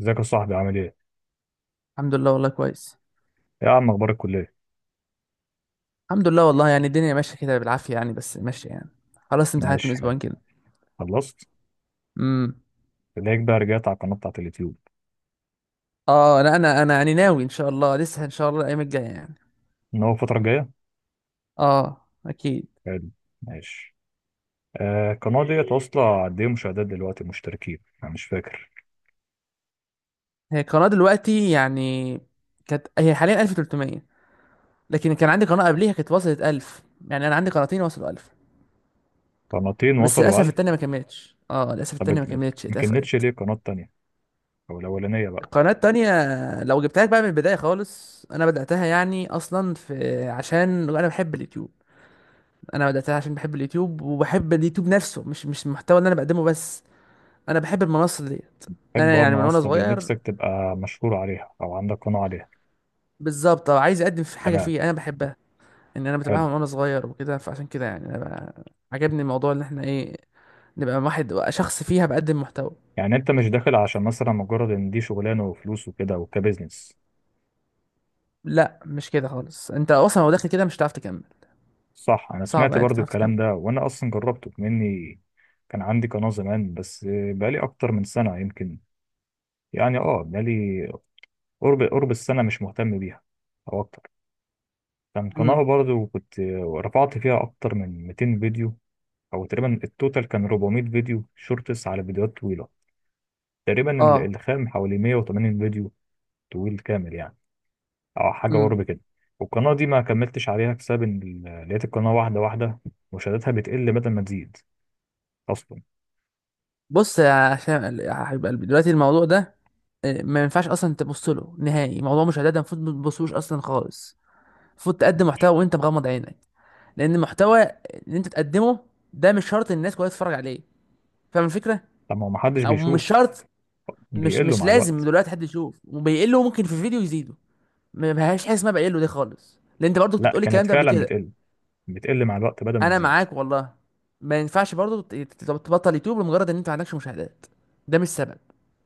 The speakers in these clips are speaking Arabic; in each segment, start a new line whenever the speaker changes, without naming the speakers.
ازيك يا صاحبي، عامل ايه؟
الحمد لله، والله كويس.
يا عم، اخبار الكلية؟
الحمد لله والله، يعني الدنيا ماشيه كده بالعافيه يعني، بس ماشيه يعني. خلاص امتحانات من
ماشي، حلو.
اسبوعين كده.
خلصت؟
امم
تلاقيك بقى رجعت على القناة بتاعت اليوتيوب.
اه، انا يعني ناوي ان شاء الله، لسه ان شاء الله الايام الجايه يعني.
ان هو الفترة الجاية؟
اه، اكيد.
حلو. ماشي. آه، القناة ديت واصلة قد ايه مشاهدات دلوقتي، مشتركين؟ انا مش فاكر.
هي القناه دلوقتي يعني، كانت هي حاليا 1300، لكن كان عندي قناه قبليها كانت وصلت 1000. يعني انا عندي قناتين وصلوا 1000.
قناتين
بس
وصلوا
للاسف
1000.
التانيه ما كملتش، للاسف
طب
التانيه ما كملتش،
ما كملتش
اتقفلت.
ليه قناة تانية؟ او الأولانية بقى.
القناه التانيه لو جبتها لك بقى من البدايه خالص، انا بداتها يعني اصلا في عشان انا بحب اليوتيوب. انا بداتها عشان بحب اليوتيوب، وبحب اليوتيوب نفسه، مش المحتوى اللي انا بقدمه بس. انا بحب المنصه ديت.
حب
انا
بقى
يعني من وانا
المنصة دي،
صغير.
نفسك تبقى مشهور عليها او عندك قناة عليها.
بالظبط، عايز اقدم في حاجه
تمام.
فيه انا بحبها. ان انا
حلو.
بتابعها من وانا صغير وكده، فعشان كده يعني انا بقى عجبني الموضوع ان احنا ايه، نبقى واحد شخص فيها بقدم محتوى.
يعني انت مش داخل عشان مثلا مجرد ان دي شغلانة وفلوس وكده وكبزنس.
لا مش كده خالص، انت اصلا لو داخل كده مش هتعرف تكمل.
صح، انا
صعب
سمعت
يعني انت
برضو
تعرف تكمل.
الكلام ده وانا اصلا جربته مني. كان عندي قناة زمان بس. بقالي اكتر من سنة يمكن. يعني بقالي، قرب السنة مش مهتم بيها، او اكتر. كان قناة
امم
برضو كنت رفعت فيها اكتر من 200 فيديو. او تقريبا التوتال كان 400 فيديو شورتس على فيديوهات طويلة. تقريبا
اه.
الخام حوالي 180 فيديو طويل كامل يعني، او حاجة
امم
قرب كده. والقناة دي ما كملتش عليها بسبب ان لقيت القناة واحدة واحدة مشاهداتها بتقل بدل ما تزيد اصلا.
بص، يا عشان يا حبيب قلبي دلوقتي الموضوع ده، ما ينفعش اصلا تبص له نهائي. موضوع مشاهدات ده المفروض ما تبصوش اصلا خالص. المفروض تقدم محتوى وانت مغمض عينك، لان المحتوى اللي انت تقدمه ده مش شرط الناس كلها تتفرج عليه. فاهم الفكره؟
طب ما هو محدش
او مش
بيشوف،
شرط. مش
بيقلوا
مش
مع
لازم
الوقت.
دلوقتي حد يشوف وبيقله، ممكن في فيديو يزيده. ما بهاش حاجه اسمها بيقله دي خالص، لان انت برضو كنت
لا،
بتقولي
كانت
الكلام ده قبل
فعلا
كده.
بتقل، بتقل مع الوقت بدل ما
انا
تزيد.
معاك والله. ما ينفعش برضو تبطل يوتيوب لمجرد ان انت ما عندكش مشاهدات. ده مش سبب،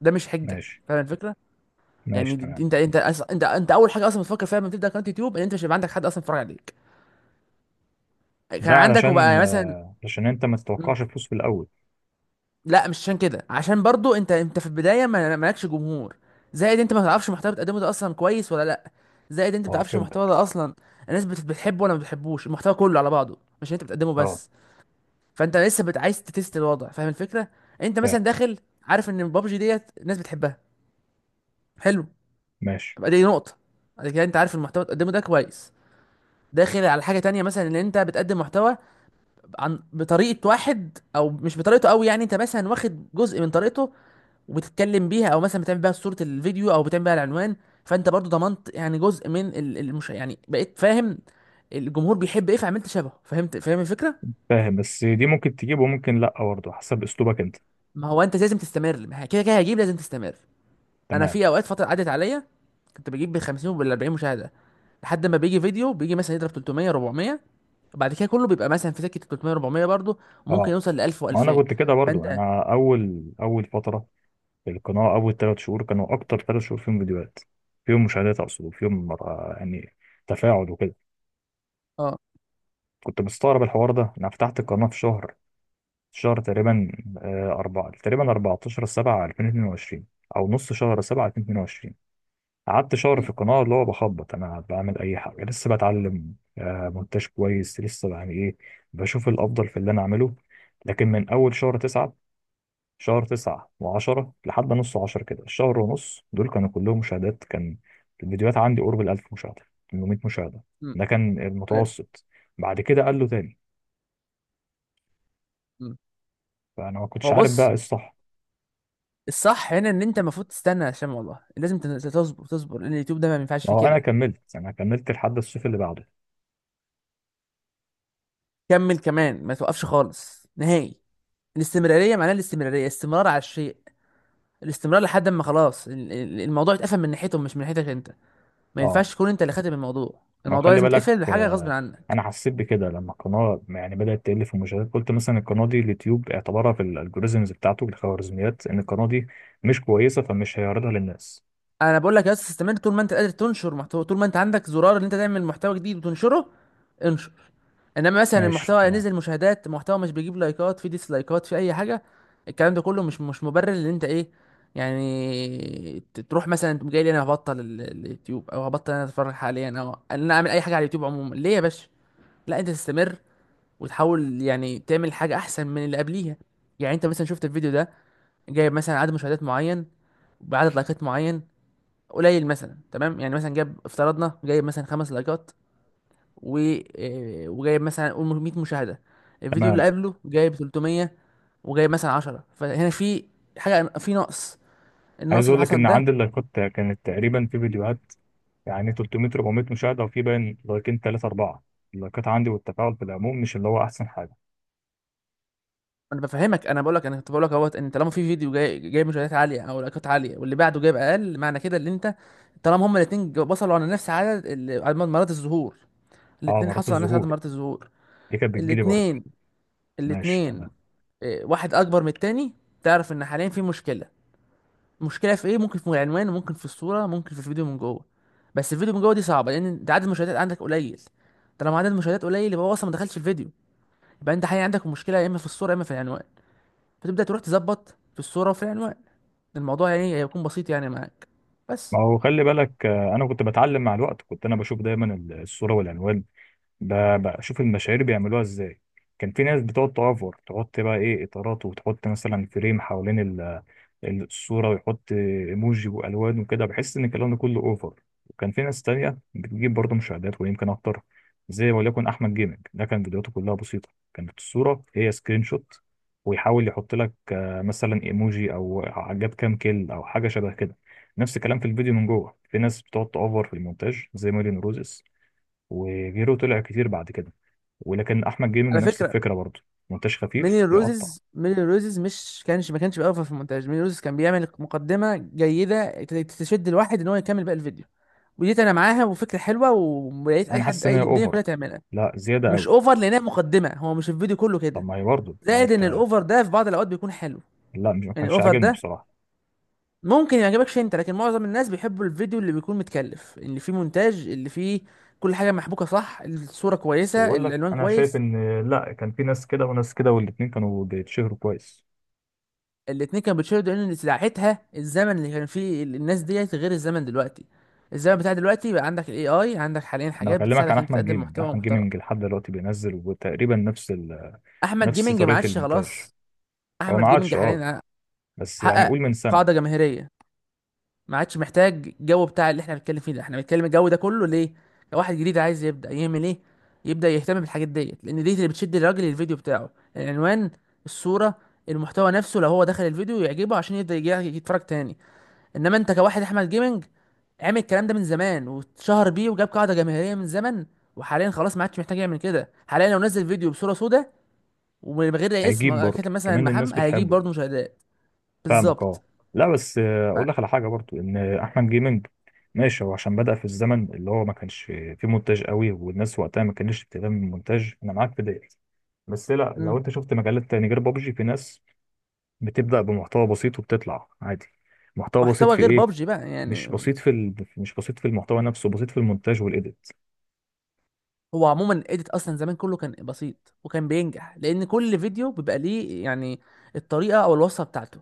ده مش حجه.
ماشي.
فاهم الفكره؟
ماشي
يعني
تمام.
انت انت أص- انت انت اول حاجه اصلا بتفكر فيها لما تبدا قناه يوتيوب، ان انت مش هيبقى عندك حد اصلا يتفرج عليك. كان
ده
عندك
علشان
وبقى مثلا.
آه، علشان انت ما تتوقعش فلوس في الاول.
لا مش عشان كده، عشان برضو انت في البدايه ما مالكش جمهور. زائد انت ما تعرفش المحتوى بتقدمه ده اصلا كويس ولا لا. زائد انت ما
اه،
تعرفش المحتوى
فهمتك.
ده اصلا الناس بتحبه ولا ما بتحبوش. المحتوى كله على بعضه، مش انت بتقدمه
اه.
بس. فانت لسه عايز تتست الوضع. فاهم الفكره؟ انت مثلا
فاهم.
داخل عارف ان بابجي ديت الناس بتحبها. حلو.
ماشي.
يبقى دي نقطه. بعد كده انت عارف المحتوى اللي بتقدمه ده كويس، داخل على حاجه تانية، مثلا ان انت بتقدم محتوى عن بطريقه واحد، او مش بطريقته قوي يعني انت مثلا واخد جزء من طريقته وبتتكلم بيها، او مثلا بتعمل بيها صورة الفيديو، او بتعمل بيها العنوان. فانت برضو ضمنت يعني جزء من المش يعني بقيت فاهم الجمهور بيحب ايه، فعملت شبهه، فهمت. فاهم الفكرة؟
فاهم، بس دي ممكن تجيب وممكن لا برضه حسب اسلوبك انت.
ما هو انت لازم تستمر، ما هي كده كده هجيب. لازم تستمر. انا
تمام.
في اوقات فترة عدت عليا، كنت بجيب بال 50 وبال 40 مشاهدة، لحد ما بيجي فيديو بيجي مثلا يضرب 300 400، وبعد كده كله بيبقى مثلا في سكة 300 400 برضو، وممكن
اه،
يوصل ل 1000
ما انا
و2000.
كنت كده برضه،
فانت
انا اول فتره في القناه، اول ثلاث شهور كانوا اكتر ثلاث شهور فيهم فيديوهات، فيهم مشاهدات اقصد، وفيهم يعني تفاعل وكده.
اه.
كنت مستغرب الحوار ده. انا فتحت القناه في شهر تقريبا، أربعة تقريبا، 14 7 2022، أو نص شهر 7 2022. قعدت شهر في
امم
القناة اللي هو بخبط، أنا بعمل أي حاجة، لسه بتعلم مونتاج كويس، لسه يعني إيه، بشوف الأفضل في اللي أنا أعمله. لكن من أول شهر 9، شهر 9 و10 لحد نص 10 كده، الشهر ونص دول كانوا كلهم مشاهدات، كان الفيديوهات عندي قرب ال 1000 مشاهدة، 800 مشاهدة،
امم
ده كان
ايوه.
المتوسط. بعد كده قال له تاني.
امم
فأنا ما كنتش
هو
عارف بقى
بص،
إيه الصح.
الصح هنا ان انت المفروض تستنى، عشان والله لازم تصبر تصبر، لان اليوتيوب ده ما ينفعش فيه
هو انا
كده.
كملت انا كملت لحد الصيف اللي بعده.
كمل كمان، ما توقفش خالص نهائي. الاستمراريه معناها الاستمراريه، استمرار على الشيء. الاستمرار لحد ما خلاص الموضوع اتقفل من ناحيتهم، مش من ناحيتك انت. ما
اه،
ينفعش تكون انت اللي خاتم الموضوع،
ما
الموضوع
خلي
لازم
بالك،
يتقفل بحاجه غصب عنك.
انا حسيت بكده لما القناه يعني بدات تقل في المشاهدات، قلت مثلا القناه دي اليوتيوب اعتبرها في الالجوريزمز بتاعته، الخوارزميات، ان القناه دي مش كويسه فمش هيعرضها للناس.
انا بقول لك يا اسطى، استمر طول ما انت قادر تنشر محتوى، طول ما انت عندك زرار ان انت تعمل محتوى جديد وتنشره، انشر. انما مثلا
ماشي
المحتوى
تمام.
نزل مشاهدات، محتوى مش بيجيب لايكات، في ديسلايكات، في اي حاجه، الكلام ده كله مش مبرر ان انت ايه، يعني تروح مثلا تقوم جاي لي انا هبطل اليوتيوب، او هبطل انا اتفرج حاليا، او ان انا اعمل اي حاجه على اليوتيوب عموما. ليه يا باشا؟ لا انت تستمر، وتحاول يعني تعمل حاجه احسن من اللي قبليها. يعني انت مثلا شفت الفيديو ده، جايب مثلا عدد مشاهدات معين، بعدد لايكات معين قليل مثلا، تمام؟ يعني مثلا جاب افترضنا جايب مثلا 5 لايكات و وجايب مثلا قول 100 مشاهده. الفيديو اللي
تمام.
قبله جايب 300، وجايب مثلا 10. فهنا في حاجه، في نقص. النقص
عايز
اللي
اقول لك
حصل
ان
ده،
عندي اللايكات كانت تقريبا في فيديوهات يعني 300 400 مشاهده، وفي باين لايكين 3 4. اللايكات عندي والتفاعل في العموم مش اللي هو احسن حاجه.
انا بفهمك. انا كنت بقول لك، اهوت ان طالما في فيديو جاي جايب مشاهدات عاليه او لايكات عاليه، واللي بعده جايب اقل، معنى كده ان انت طالما هما الاثنين وصلوا على نفس عدد عدد مرات الظهور،
اه،
الاثنين
مرات
حصلوا على نفس عدد
الظهور
مرات الظهور،
دي كانت بتجيلي برضه.
الاثنين
ماشي
الاثنين
تمام.
واحد اكبر من التاني، تعرف ان حاليا في مشكله. المشكله في ايه؟ ممكن في العنوان، وممكن في الصوره، ممكن في الفيديو من جوه. بس الفيديو من جوه دي صعبه، لان انت عدد المشاهدات عندك قليل. طالما عدد المشاهدات قليل، يبقى هو اصلا ما دخلش الفيديو. يبقى انت حقيقي عندك مشكله، يا اما في الصوره، يا اما في العنوان. فتبدا تروح تظبط في الصوره وفي العنوان. الموضوع يعني هيكون بسيط يعني معاك
ما
بس.
هو خلي بالك، انا كنت بتعلم مع الوقت. كنت انا بشوف دايما الصوره والعنوان، بشوف المشاهير بيعملوها ازاي. كان في ناس بتقعد تأفور، تحط بقى ايه اطارات وتحط مثلا فريم حوالين الصورة، ويحط ايموجي والوان وكده، بحس ان الكلام ده كله اوفر. وكان في ناس تانية بتجيب برضه مشاهدات ويمكن اكتر، زي وليكن احمد جيمنج. ده كان فيديوهاته كلها بسيطة، كانت الصورة هي سكرين شوت، ويحاول يحط لك مثلا ايموجي او جاب كام كيل او حاجة شبه كده. نفس الكلام في الفيديو من جوه. في ناس بتقعد تأفور في المونتاج زي مارين روزس وغيره طلع كتير بعد كده، ولكن احمد جيمنج
على
نفس
فكره،
الفكره برضه، مونتاج خفيف
ميلين
يقطع.
روزز ميلين روزز مش كانش ما كانش بيقف في المونتاج. ميلين روزز كان بيعمل مقدمه جيده تشد الواحد ان هو يكمل باقي الفيديو. وديت انا معاها، وفكره حلوه، ويا ريت اي
انا
حد
حاسس ان هي
اي الدنيا
اوفر،
كلها تعملها.
لا زياده
مش
قوي.
اوفر، لانها مقدمه، هو مش الفيديو كله
طب
كده.
ما هي برضه، ما هو
زائد ان
انت.
الاوفر ده في بعض الاوقات بيكون حلو.
لا، مش ما
يعني
كانش
الاوفر
عاجبني
ده
بصراحه.
ممكن ما يعجبكش انت، لكن معظم الناس بيحبوا الفيديو اللي بيكون متكلف، اللي فيه مونتاج، اللي فيه كل حاجه محبوكه صح، الصوره
بس
كويسه،
بقول لك،
العنوان
انا شايف
كويس.
ان لا، كان في ناس كده وناس كده، والاتنين كانوا بيتشهروا كويس.
الاتنين كانوا بيتشيروا لان ساعتها الزمن اللي كان فيه الناس ديت غير الزمن دلوقتي. الزمن بتاع دلوقتي بقى عندك الاي اي، عندك حاليا
انا
حاجات
بكلمك عن
بتساعدك انت
احمد
تقدم
جيمنج.
محتوى
احمد
محترم.
جيمنج لحد دلوقتي بينزل وتقريبا نفس ال...
احمد
نفس
جيمنج ما
طريقه
عادش
المونتاج.
خلاص.
هو
احمد
ما
جيمنج
عادش، اه،
حاليا
بس يعني
حقق
قول من سنه.
قاعده جماهيريه، ما عادش محتاج الجو بتاع اللي احنا بنتكلم فيه ده. احنا بنتكلم الجو ده كله ليه؟ لو واحد جديد عايز يبدا يعمل ايه؟ يبدا يهتم بالحاجات ديت، لان دي اللي بتشد الراجل للفيديو بتاعه. العنوان، الصوره، المحتوى نفسه، لو هو دخل الفيديو يعجبه عشان يبدا يجي يتفرج تاني. انما انت كواحد احمد جيمنج عامل الكلام ده من زمان واتشهر بيه وجاب قاعده جماهيريه من زمن، وحاليا خلاص ما عادش محتاج يعمل كده. حاليا لو نزل فيديو بصوره سوداء، ومن غير أي اسم
هيجيب برضه،
كاتب مثلا
كمان الناس
محمد، هيجيب
بتحبه.
برضه مشاهدات.
فاهمك
بالظبط.
اه. لا بس،
ف-
اقول لك على حاجه برضو ان احمد جيمنج ماشي، هو عشان بدأ في الزمن اللي هو ما كانش فيه مونتاج قوي، والناس وقتها ما كانتش بتهتم بالمونتاج، انا معاك في ديت. بس لا، لو
مم.
انت شفت مجالات تاني غير بابجي، في ناس بتبدأ بمحتوى بسيط وبتطلع عادي. محتوى بسيط
محتوى
في
غير
ايه؟
بابجي بقى يعني.
مش بسيط في المحتوى نفسه، بسيط في المونتاج والايديت.
هو عموما الايديت اصلا زمان كله كان بسيط وكان بينجح، لان كل فيديو بيبقى ليه يعني الطريقه او الوصفه بتاعته.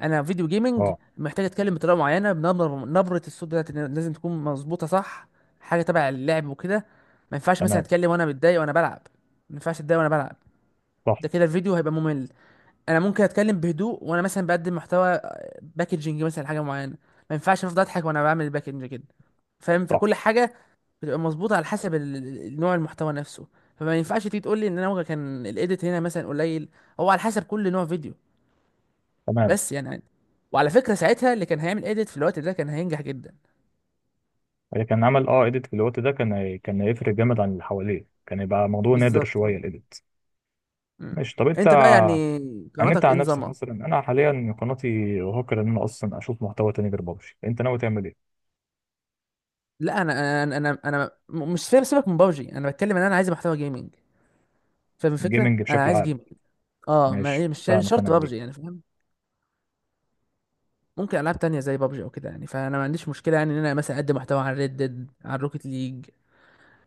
انا فيديو جيمنج
اه.
محتاج اتكلم بطريقه معينه، بنبره الصوت بتاعتي لازم تكون مظبوطه صح، حاجه تبع اللعب وكده. ما ينفعش مثلا
تمام.
اتكلم وانا متضايق وانا بلعب. ما ينفعش اتضايق وانا بلعب،
صح.
ده كده الفيديو هيبقى ممل. انا ممكن اتكلم بهدوء وانا مثلا بقدم محتوى، باكجنج مثلا حاجه معينه. ما ينفعش افضل اضحك وانا بعمل الباكجنج كده. فاهم؟
صح
فكل حاجه بتبقى مظبوطه على حسب نوع المحتوى نفسه. فما ينفعش تيجي تقول لي ان انا كان الايديت هنا مثلا قليل، هو على حسب كل نوع فيديو.
تمام.
بس يعني عادي. وعلى فكره ساعتها اللي كان هيعمل ايديت في الوقت ده كان هينجح جدا.
هي كان عمل ايديت في الوقت ده، كان كان هيفرق جامد عن اللي حواليه، كان يبقى موضوع نادر
بالظبط
شويه
اه.
الايديت.
مم.
ماشي. طب انت،
انت بقى يعني
يعني انت
قناتك ايه
عن نفسك
نظامها؟
مثلا، انا حاليا قناتي هوكر ان انا اصلا اشوف محتوى تاني غير بابجي، انت ناوي تعمل ايه؟
لا مش فاهم. سيبك من بابجي، انا بتكلم ان انا عايز محتوى جيمنج. فاهم الفكره؟
جيمنج
انا
بشكل
عايز
عام.
جيمنج. اه، ما
ماشي،
مش
فاهمك
شرط
انا في دي.
بابجي يعني، فاهم؟ ممكن العاب تانية زي بابجي او كده يعني، فانا ما عنديش مشكله يعني ان انا مثلا اقدم محتوى على ريد ديد، على روكيت ليج،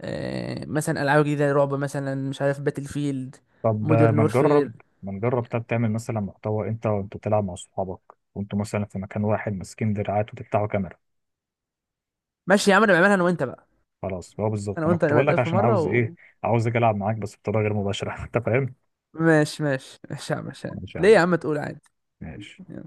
مثلا العاب جديده، رعب مثلا، مش عارف، باتل فيلد،
طب
مودرن
ما
وورفير.
نجرب. ما نجرب، طب تعمل مثلا محتوى انت وانت بتلعب مع صحابك، وانتوا مثلا في مكان واحد ماسكين دراعات وتفتحوا كاميرا.
ماشي يا عم، انا بعملها انا وانت بقى.
خلاص، هو
انا
بالظبط انا
وانت
كنت
نبقى
بقول لك
نتقابل في
عشان
مره
عاوز
و...
ايه. عاوز اجي العب معاك بس بطريقه غير مباشره انت فاهم.
ماشي يا عم ماشي.
ماشي يا
ليه يا
عم،
عم، تقول عادي.
ماشي.